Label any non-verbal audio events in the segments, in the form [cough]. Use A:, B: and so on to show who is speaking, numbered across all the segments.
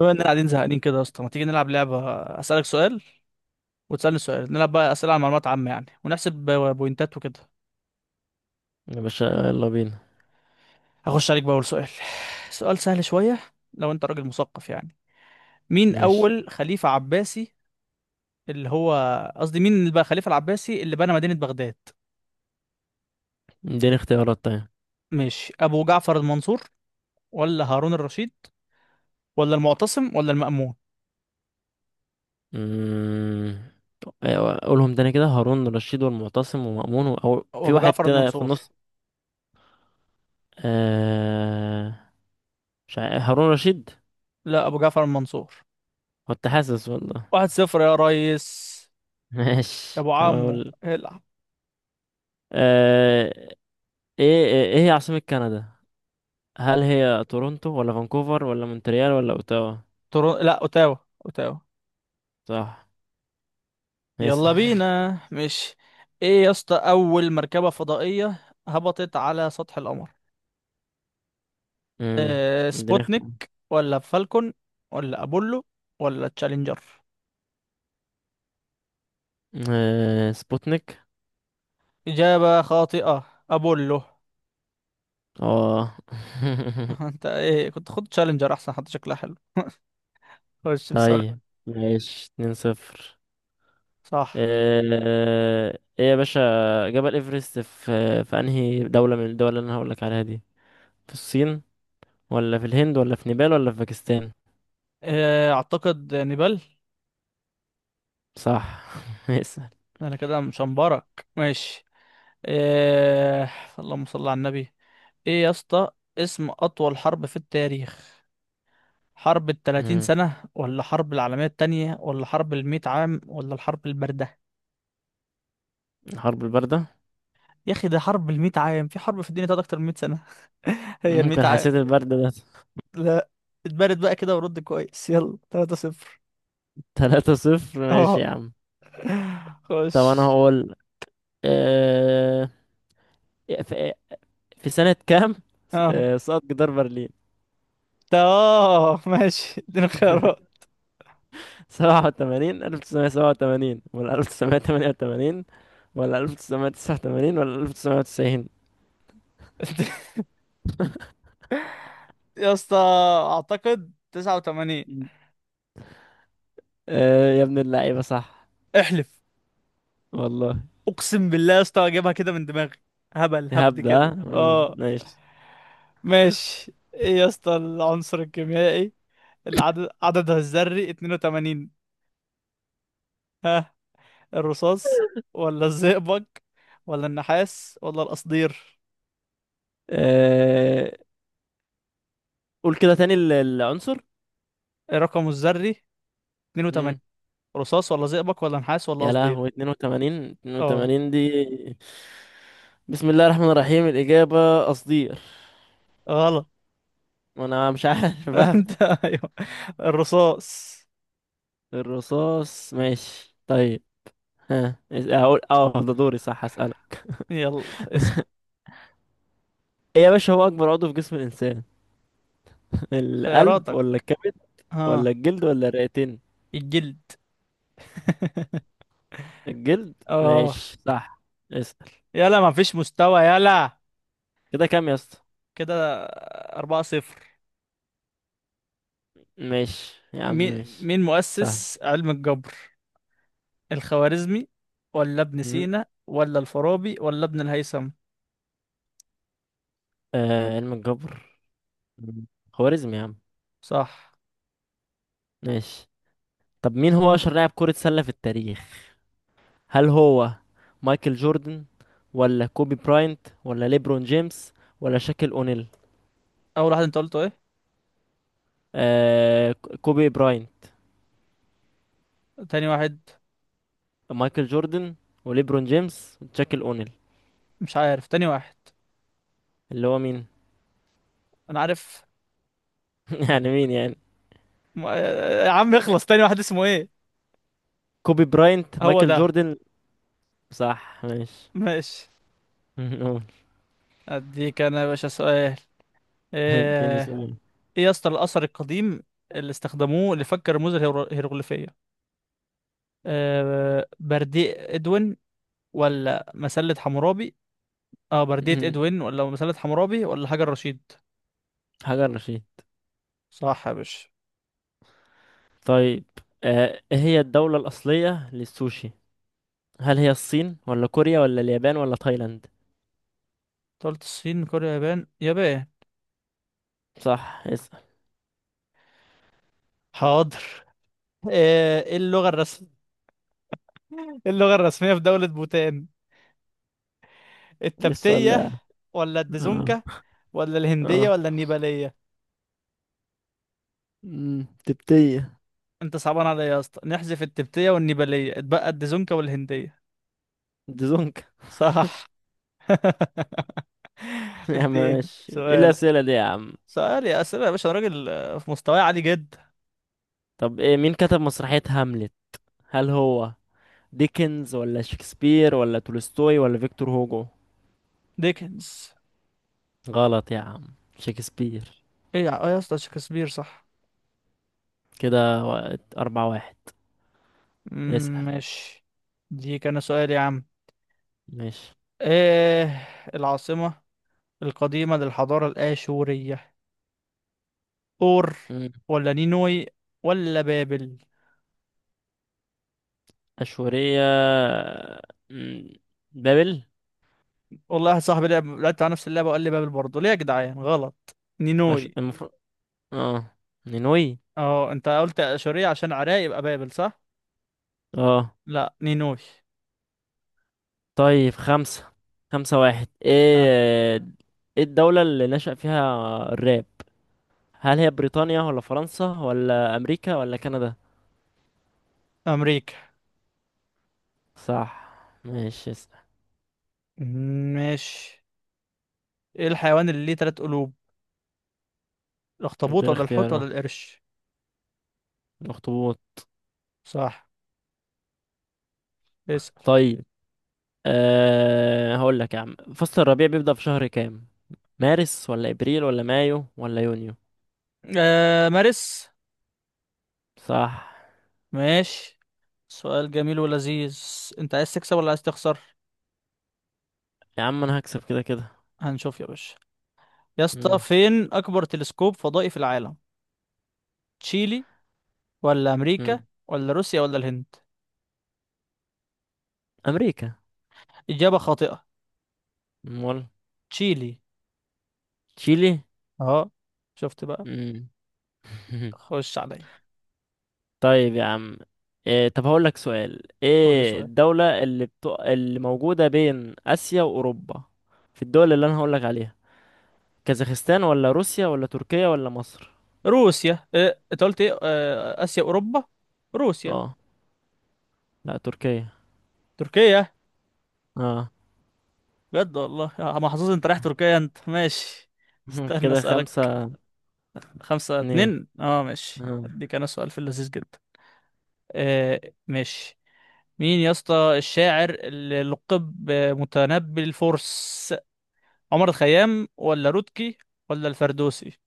A: بما اننا قاعدين زهقانين كده يا اسطى، ما تيجي نلعب لعبة؟ اسألك سؤال وتسألني سؤال، نلعب بقى أسئلة عن معلومات عامة يعني، ونحسب بوينتات وكده.
B: يا باشا يلا بينا.
A: هخش عليك بأول سؤال. سؤال سهل شوية، لو انت راجل مثقف يعني. مين
B: ماشي،
A: أول خليفة عباسي؟ اللي هو قصدي مين اللي بقى الخليفة العباسي اللي بنى مدينة بغداد؟
B: اديني اختيارات طيب.
A: ماشي، أبو جعفر المنصور ولا هارون الرشيد ولا المعتصم ولا المأمون؟
B: مم. أيوة، قولهم تاني كده، هارون رشيد والمعتصم ومأمون أو في
A: أبو
B: واحد
A: جعفر
B: كده في
A: المنصور.
B: النص. آه... مش عارف. هارون رشيد.
A: لا، أبو جعفر المنصور.
B: كنت حاسس والله.
A: 1-0 يا ريس.
B: [laughs]
A: يا
B: ماشي
A: أبو عمو
B: هقول.
A: العب.
B: آه... ايه ايه إيه هي عاصمة كندا؟ هل هي تورونتو ولا فانكوفر ولا مونتريال ولا اوتاوا؟
A: لا، أوتاوا. أوتاوا.
B: صح،
A: يلا
B: اسأل.
A: بينا مش. ايه يا اسطى، اول مركبة فضائية هبطت على سطح القمر؟
B: مم. اديني
A: سبوتنيك
B: اختيار.
A: ولا فالكون ولا ابولو ولا تشالنجر؟
B: سبوتنيك.
A: اجابة خاطئة، ابولو.
B: اه. [laughs]
A: [laughs] انت ايه؟ كنت خد تشالنجر احسن، حتى شكلها حلو. [laughs] خش بسؤال.
B: طيب ماشي، 2-0.
A: صح.
B: آه، ايه يا باشا، جبل ايفرست في انهي دولة من الدول اللي انا هقولك عليها دي؟ في الصين ولا في الهند ولا في نيبال ولا في باكستان؟
A: اعتقد نيبال.
B: صح. [laughs] اسأل.
A: انا كده مشنبرك، ماشي. أه اللهم صل على النبي. ايه يا اسطى، اسم اطول حرب في التاريخ؟ حرب التلاتين
B: مم.
A: سنة ولا حرب العالمية التانية، ولا حرب المية عام، ولا الحرب الباردة؟
B: الحرب الباردة.
A: يا أخي، ده حرب المية عام، في حرب في الدنيا تقعد أكتر من مية سنة؟ [laughs] هي المية
B: ممكن
A: عام.
B: حسيت البرد ده.
A: لا، اتبارد بقى كده ورد كويس. يلا، 3-0.
B: [laughs] 3-0 ماشي
A: اه،
B: يا عم.
A: خش.
B: طب انا هقول، آه، في في سنة كام
A: اه،
B: سقط جدار برلين؟
A: ده. اه، ماشي، اديني خيارات.
B: 87، 1987 ولا 1988 ولا 1989 ولا 1990؟
A: [laughs] يا اسطى، أعتقد 89.
B: مم. آه يا ابن اللعيبة، صح.
A: احلف.
B: والله.
A: اقسم بالله يا اسطى، اجيبها كده من دماغي. هبل هبد
B: هبدأ ها؟
A: كده، اه.
B: ماشي.
A: ماشي. ايه يا اسطى، العنصر الكيميائي عددها الذري 82؟ ها. الرصاص ولا الزئبق ولا النحاس ولا القصدير؟
B: آه، قول كده تاني العنصر.
A: إيه رقمه الذري؟ 82.
B: مم.
A: رصاص ولا زئبق ولا نحاس ولا
B: يا لهوي،
A: قصدير؟
B: 82
A: اه،
B: 82 دي. بسم الله الرحمن الرحيم، الإجابة قصدير.
A: غلط.
B: وأنا مش عارف [laughs]
A: [laughs]
B: بقى.
A: انت، ايوه، الرصاص.
B: الرصاص ماشي طيب. ها هقول، اه، ده دوري، صح، أسأل.
A: يلا اسأل.
B: إيه يا باشا، هو اكبر عضو في جسم الانسان؟ [laughs] القلب
A: خياراتك.
B: ولا الكبد ولا
A: ها.
B: الجلد ولا الرئتين؟
A: الجلد. [laughs]
B: الجلد
A: اه.
B: ماشي، صح. اسأل.
A: يلا ما فيش مستوى، يلا.
B: كده كام يا اسطى؟
A: كده 4-0.
B: ماشي يا عم
A: مين
B: ماشي.
A: مين
B: سهل.
A: مؤسس علم الجبر؟ الخوارزمي ولا ابن
B: مم.
A: سينا ولا الفارابي ولا ابن الهيثم؟
B: آه، علم الجبر. مم. خوارزمي يا عم.
A: صح.
B: ماشي. طب مين هو اشهر لاعب كرة سلة في التاريخ؟ هل هو مايكل جوردن ولا كوبي براينت ولا ليبرون جيمس ولا شاكيل اونيل؟
A: أول واحد أنت قلته إيه؟
B: آه، كوبي براينت،
A: تاني واحد.
B: مايكل جوردن، وليبرون جيمس، وشاكيل اونيل.
A: مش عارف تاني واحد.
B: اللي هو مين؟
A: أنا عارف.
B: [laughs] يعني مين يعني؟
A: يا عم اخلص، تاني واحد اسمه إيه؟
B: كوبي براينت،
A: هو
B: مايكل
A: ده.
B: جوردن. صح ماشي.
A: ماشي.
B: [laughs] قول.
A: أديك أنا يا باشا سؤال.
B: اديني
A: إيه
B: سؤال.
A: إيه يا اسطى، الأثر القديم اللي استخدموه لفك الرموز الهيروغليفية؟ برديء ادوين ولا مسلة حمورابي؟ اه بردية
B: مم.
A: ادوين ولا مسلة حمورابي ولا حجر رشيد؟
B: [laughs] حجر رشيد.
A: صح يا باشا.
B: طيب، آه، ايه هي الدولة الأصلية للسوشي؟ هل هي الصين ولا كوريا ولا اليابان ولا تايلاند؟
A: أنت قلت الصين، كوريا، يابان، يابان.
B: صح، اسأل.
A: حاضر. [laughs] ايه اللغة الرسمية [laughs] اللغة الرسمية في دولة بوتان؟
B: ايه السؤال
A: التبتية
B: ده.
A: ولا
B: اه
A: الديزونكا ولا الهندية
B: اه.
A: ولا النيبالية؟
B: مم، تبتية.
A: انت صعبان عليا يا اسطى، نحذف التبتية والنيبالية، اتبقى الديزونكا والهندية.
B: دزونك.
A: صح. [laughs]
B: [laughs] يا عم
A: الدين.
B: ماشي، ايه
A: سؤال.
B: الأسئلة دي يا عم.
A: سؤال يا اسئلة يا باشا، أنا راجل في مستواي عالي جدا.
B: طب ايه، مين كتب مسرحية هاملت؟ هل هو ديكنز ولا شكسبير ولا تولستوي ولا فيكتور هوجو؟
A: ديكنز.
B: غلط يا عم، شكسبير.
A: ايه يا اسطى، شكسبير؟ صح.
B: كده 4-1.
A: مم،
B: اسأل.
A: ماشي. دي كان سؤال يا عم.
B: ماشي.
A: ايه العاصمة القديمة للحضارة الآشورية؟ اور
B: مم.
A: ولا نينوي ولا بابل؟
B: أشورية. مم. بابل.
A: والله، واحد صاحبي لعبت على نفس اللعبة وقال لي بابل، برضه ليه يا جدعان؟ غلط. نينوي.
B: المفروض، اه، نينوي.
A: اه، انت قلت آشورية عشان عراق يبقى بابل؟ صح.
B: اه
A: لا، نينوي.
B: طيب، خمسة واحد،
A: ها،
B: ايه. ايه الدولة اللي نشأ فيها الراب؟ هل هي بريطانيا ولا فرنسا ولا أمريكا ولا كندا؟
A: أمريكا.
B: صح ماشي، اسأل.
A: مم، ماشي. ايه الحيوان اللي ليه 3 قلوب؟ الاخطبوط
B: اديني
A: ولا الحوت
B: اختيار،
A: ولا
B: اه.
A: القرش؟
B: اخطبوط.
A: صح. اسأل.
B: طيب. أه هقول لك يا عم، فصل الربيع بيبدأ في شهر كام؟ مارس ولا ابريل ولا مايو ولا يونيو؟
A: مارس.
B: صح.
A: ماشي. سؤال جميل ولذيذ. انت عايز تكسب ولا عايز تخسر؟
B: يا عم انا هكسب كده كده.
A: هنشوف يا باشا. يا اسطى،
B: مم.
A: فين اكبر تلسكوب فضائي في العالم؟ تشيلي ولا امريكا
B: مم.
A: ولا روسيا ولا الهند؟
B: امريكا.
A: اجابة خاطئة.
B: امال؟
A: تشيلي.
B: تشيلي.
A: اه، شفت بقى.
B: مم. [laughs]
A: خش عليا.
B: طيب يا عم، إيه، طب هقول لك سؤال،
A: قول لي
B: ايه
A: سؤال.
B: الدولة اللي موجودة بين اسيا واوروبا، في الدول اللي انا هقول لك عليها؟ كازاخستان ولا روسيا ولا تركيا ولا مصر؟
A: روسيا، انت قلت ايه، اسيا اوروبا؟ روسيا.
B: اه لا، تركيا.
A: تركيا.
B: اه.
A: بجد والله يا محظوظ، انت رايح تركيا انت. ماشي.
B: [laughs]
A: استنى
B: كده
A: اسالك.
B: خمسة
A: خمسة
B: اتنين
A: اتنين اه ماشي،
B: آه.
A: هديك انا سؤال في اللذيذ جدا. آه ماشي. مين يا اسطى الشاعر اللي لقب متنبي الفرس؟ عمر الخيام ولا رودكي ولا الفردوسي؟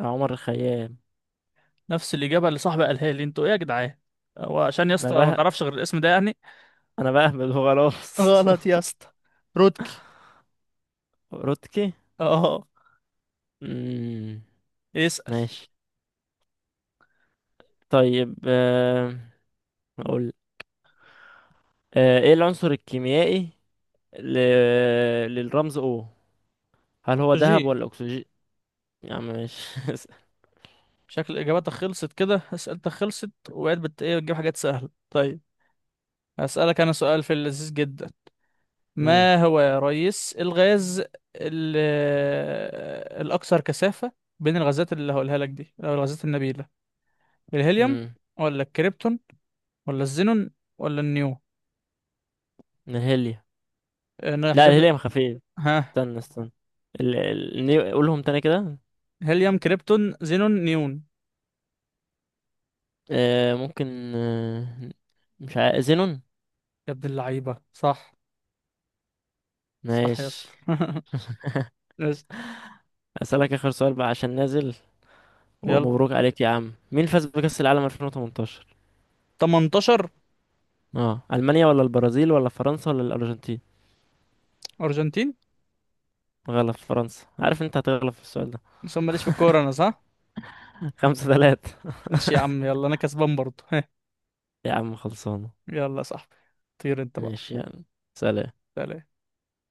B: عمر الخيام.
A: نفس الإجابة اللي صاحبي قالها لي. انتوا ايه يا جدعان؟ هو عشان يا
B: انا
A: اسطى ما
B: بقى،
A: تعرفش غير الاسم ده يعني؟
B: انا بهبد خلاص.
A: غلط يا
B: [laughs]
A: اسطى. رودكي.
B: روتكي.
A: اه،
B: مم.
A: اسأل.
B: ماشي. طيب، اقول، ايه العنصر الكيميائي ل... للرمز O؟ هل هو
A: جي.
B: ذهب ولا اكسجين؟ يا عم ماشي.
A: شكل إجاباتك خلصت كده، أسئلتك خلصت وبقيت ايه، بتجيب حاجات سهلة. طيب، هسألك أنا سؤال في اللذيذ جدا.
B: [laughs] مم.
A: ما هو يا ريس الغاز ال- الأكثر كثافة بين الغازات اللي هقولها لك دي، أو الغازات النبيلة؟ الهيليوم
B: مم.
A: ولا الكريبتون ولا الزينون ولا النيو؟
B: الهيليوم.
A: أنا
B: لا،
A: هحذف لك.
B: الهيليوم خفيف.
A: ها.
B: استنى استنى. قولهم تاني كده.
A: هيليوم، كريبتون، زينون، نيون.
B: آه، ممكن آه، مش عارف. زينون.
A: يا ابن اللعيبة، صح. صح يا
B: ماشي.
A: اسطى. [laughs] اسأل.
B: اسالك اخر سؤال بقى عشان نازل،
A: يلا.
B: ومبروك عليك يا عم. مين فاز بكأس العالم 2018؟
A: 18.
B: اه، المانيا ولا البرازيل ولا فرنسا ولا الارجنتين؟
A: أرجنتين.
B: غلط، فرنسا. عارف انت هتغلط في السؤال ده.
A: بس أنا ماليش في الكورة أنا، صح؟
B: [laughs] 5-3.
A: ماشي يا عم. يلا، أنا كسبان برضه. [laughs]
B: يا عم خلصانة.
A: يلا يا صاحبي، طير أنت بقى.
B: ماشي يعني. سلام.
A: سلام.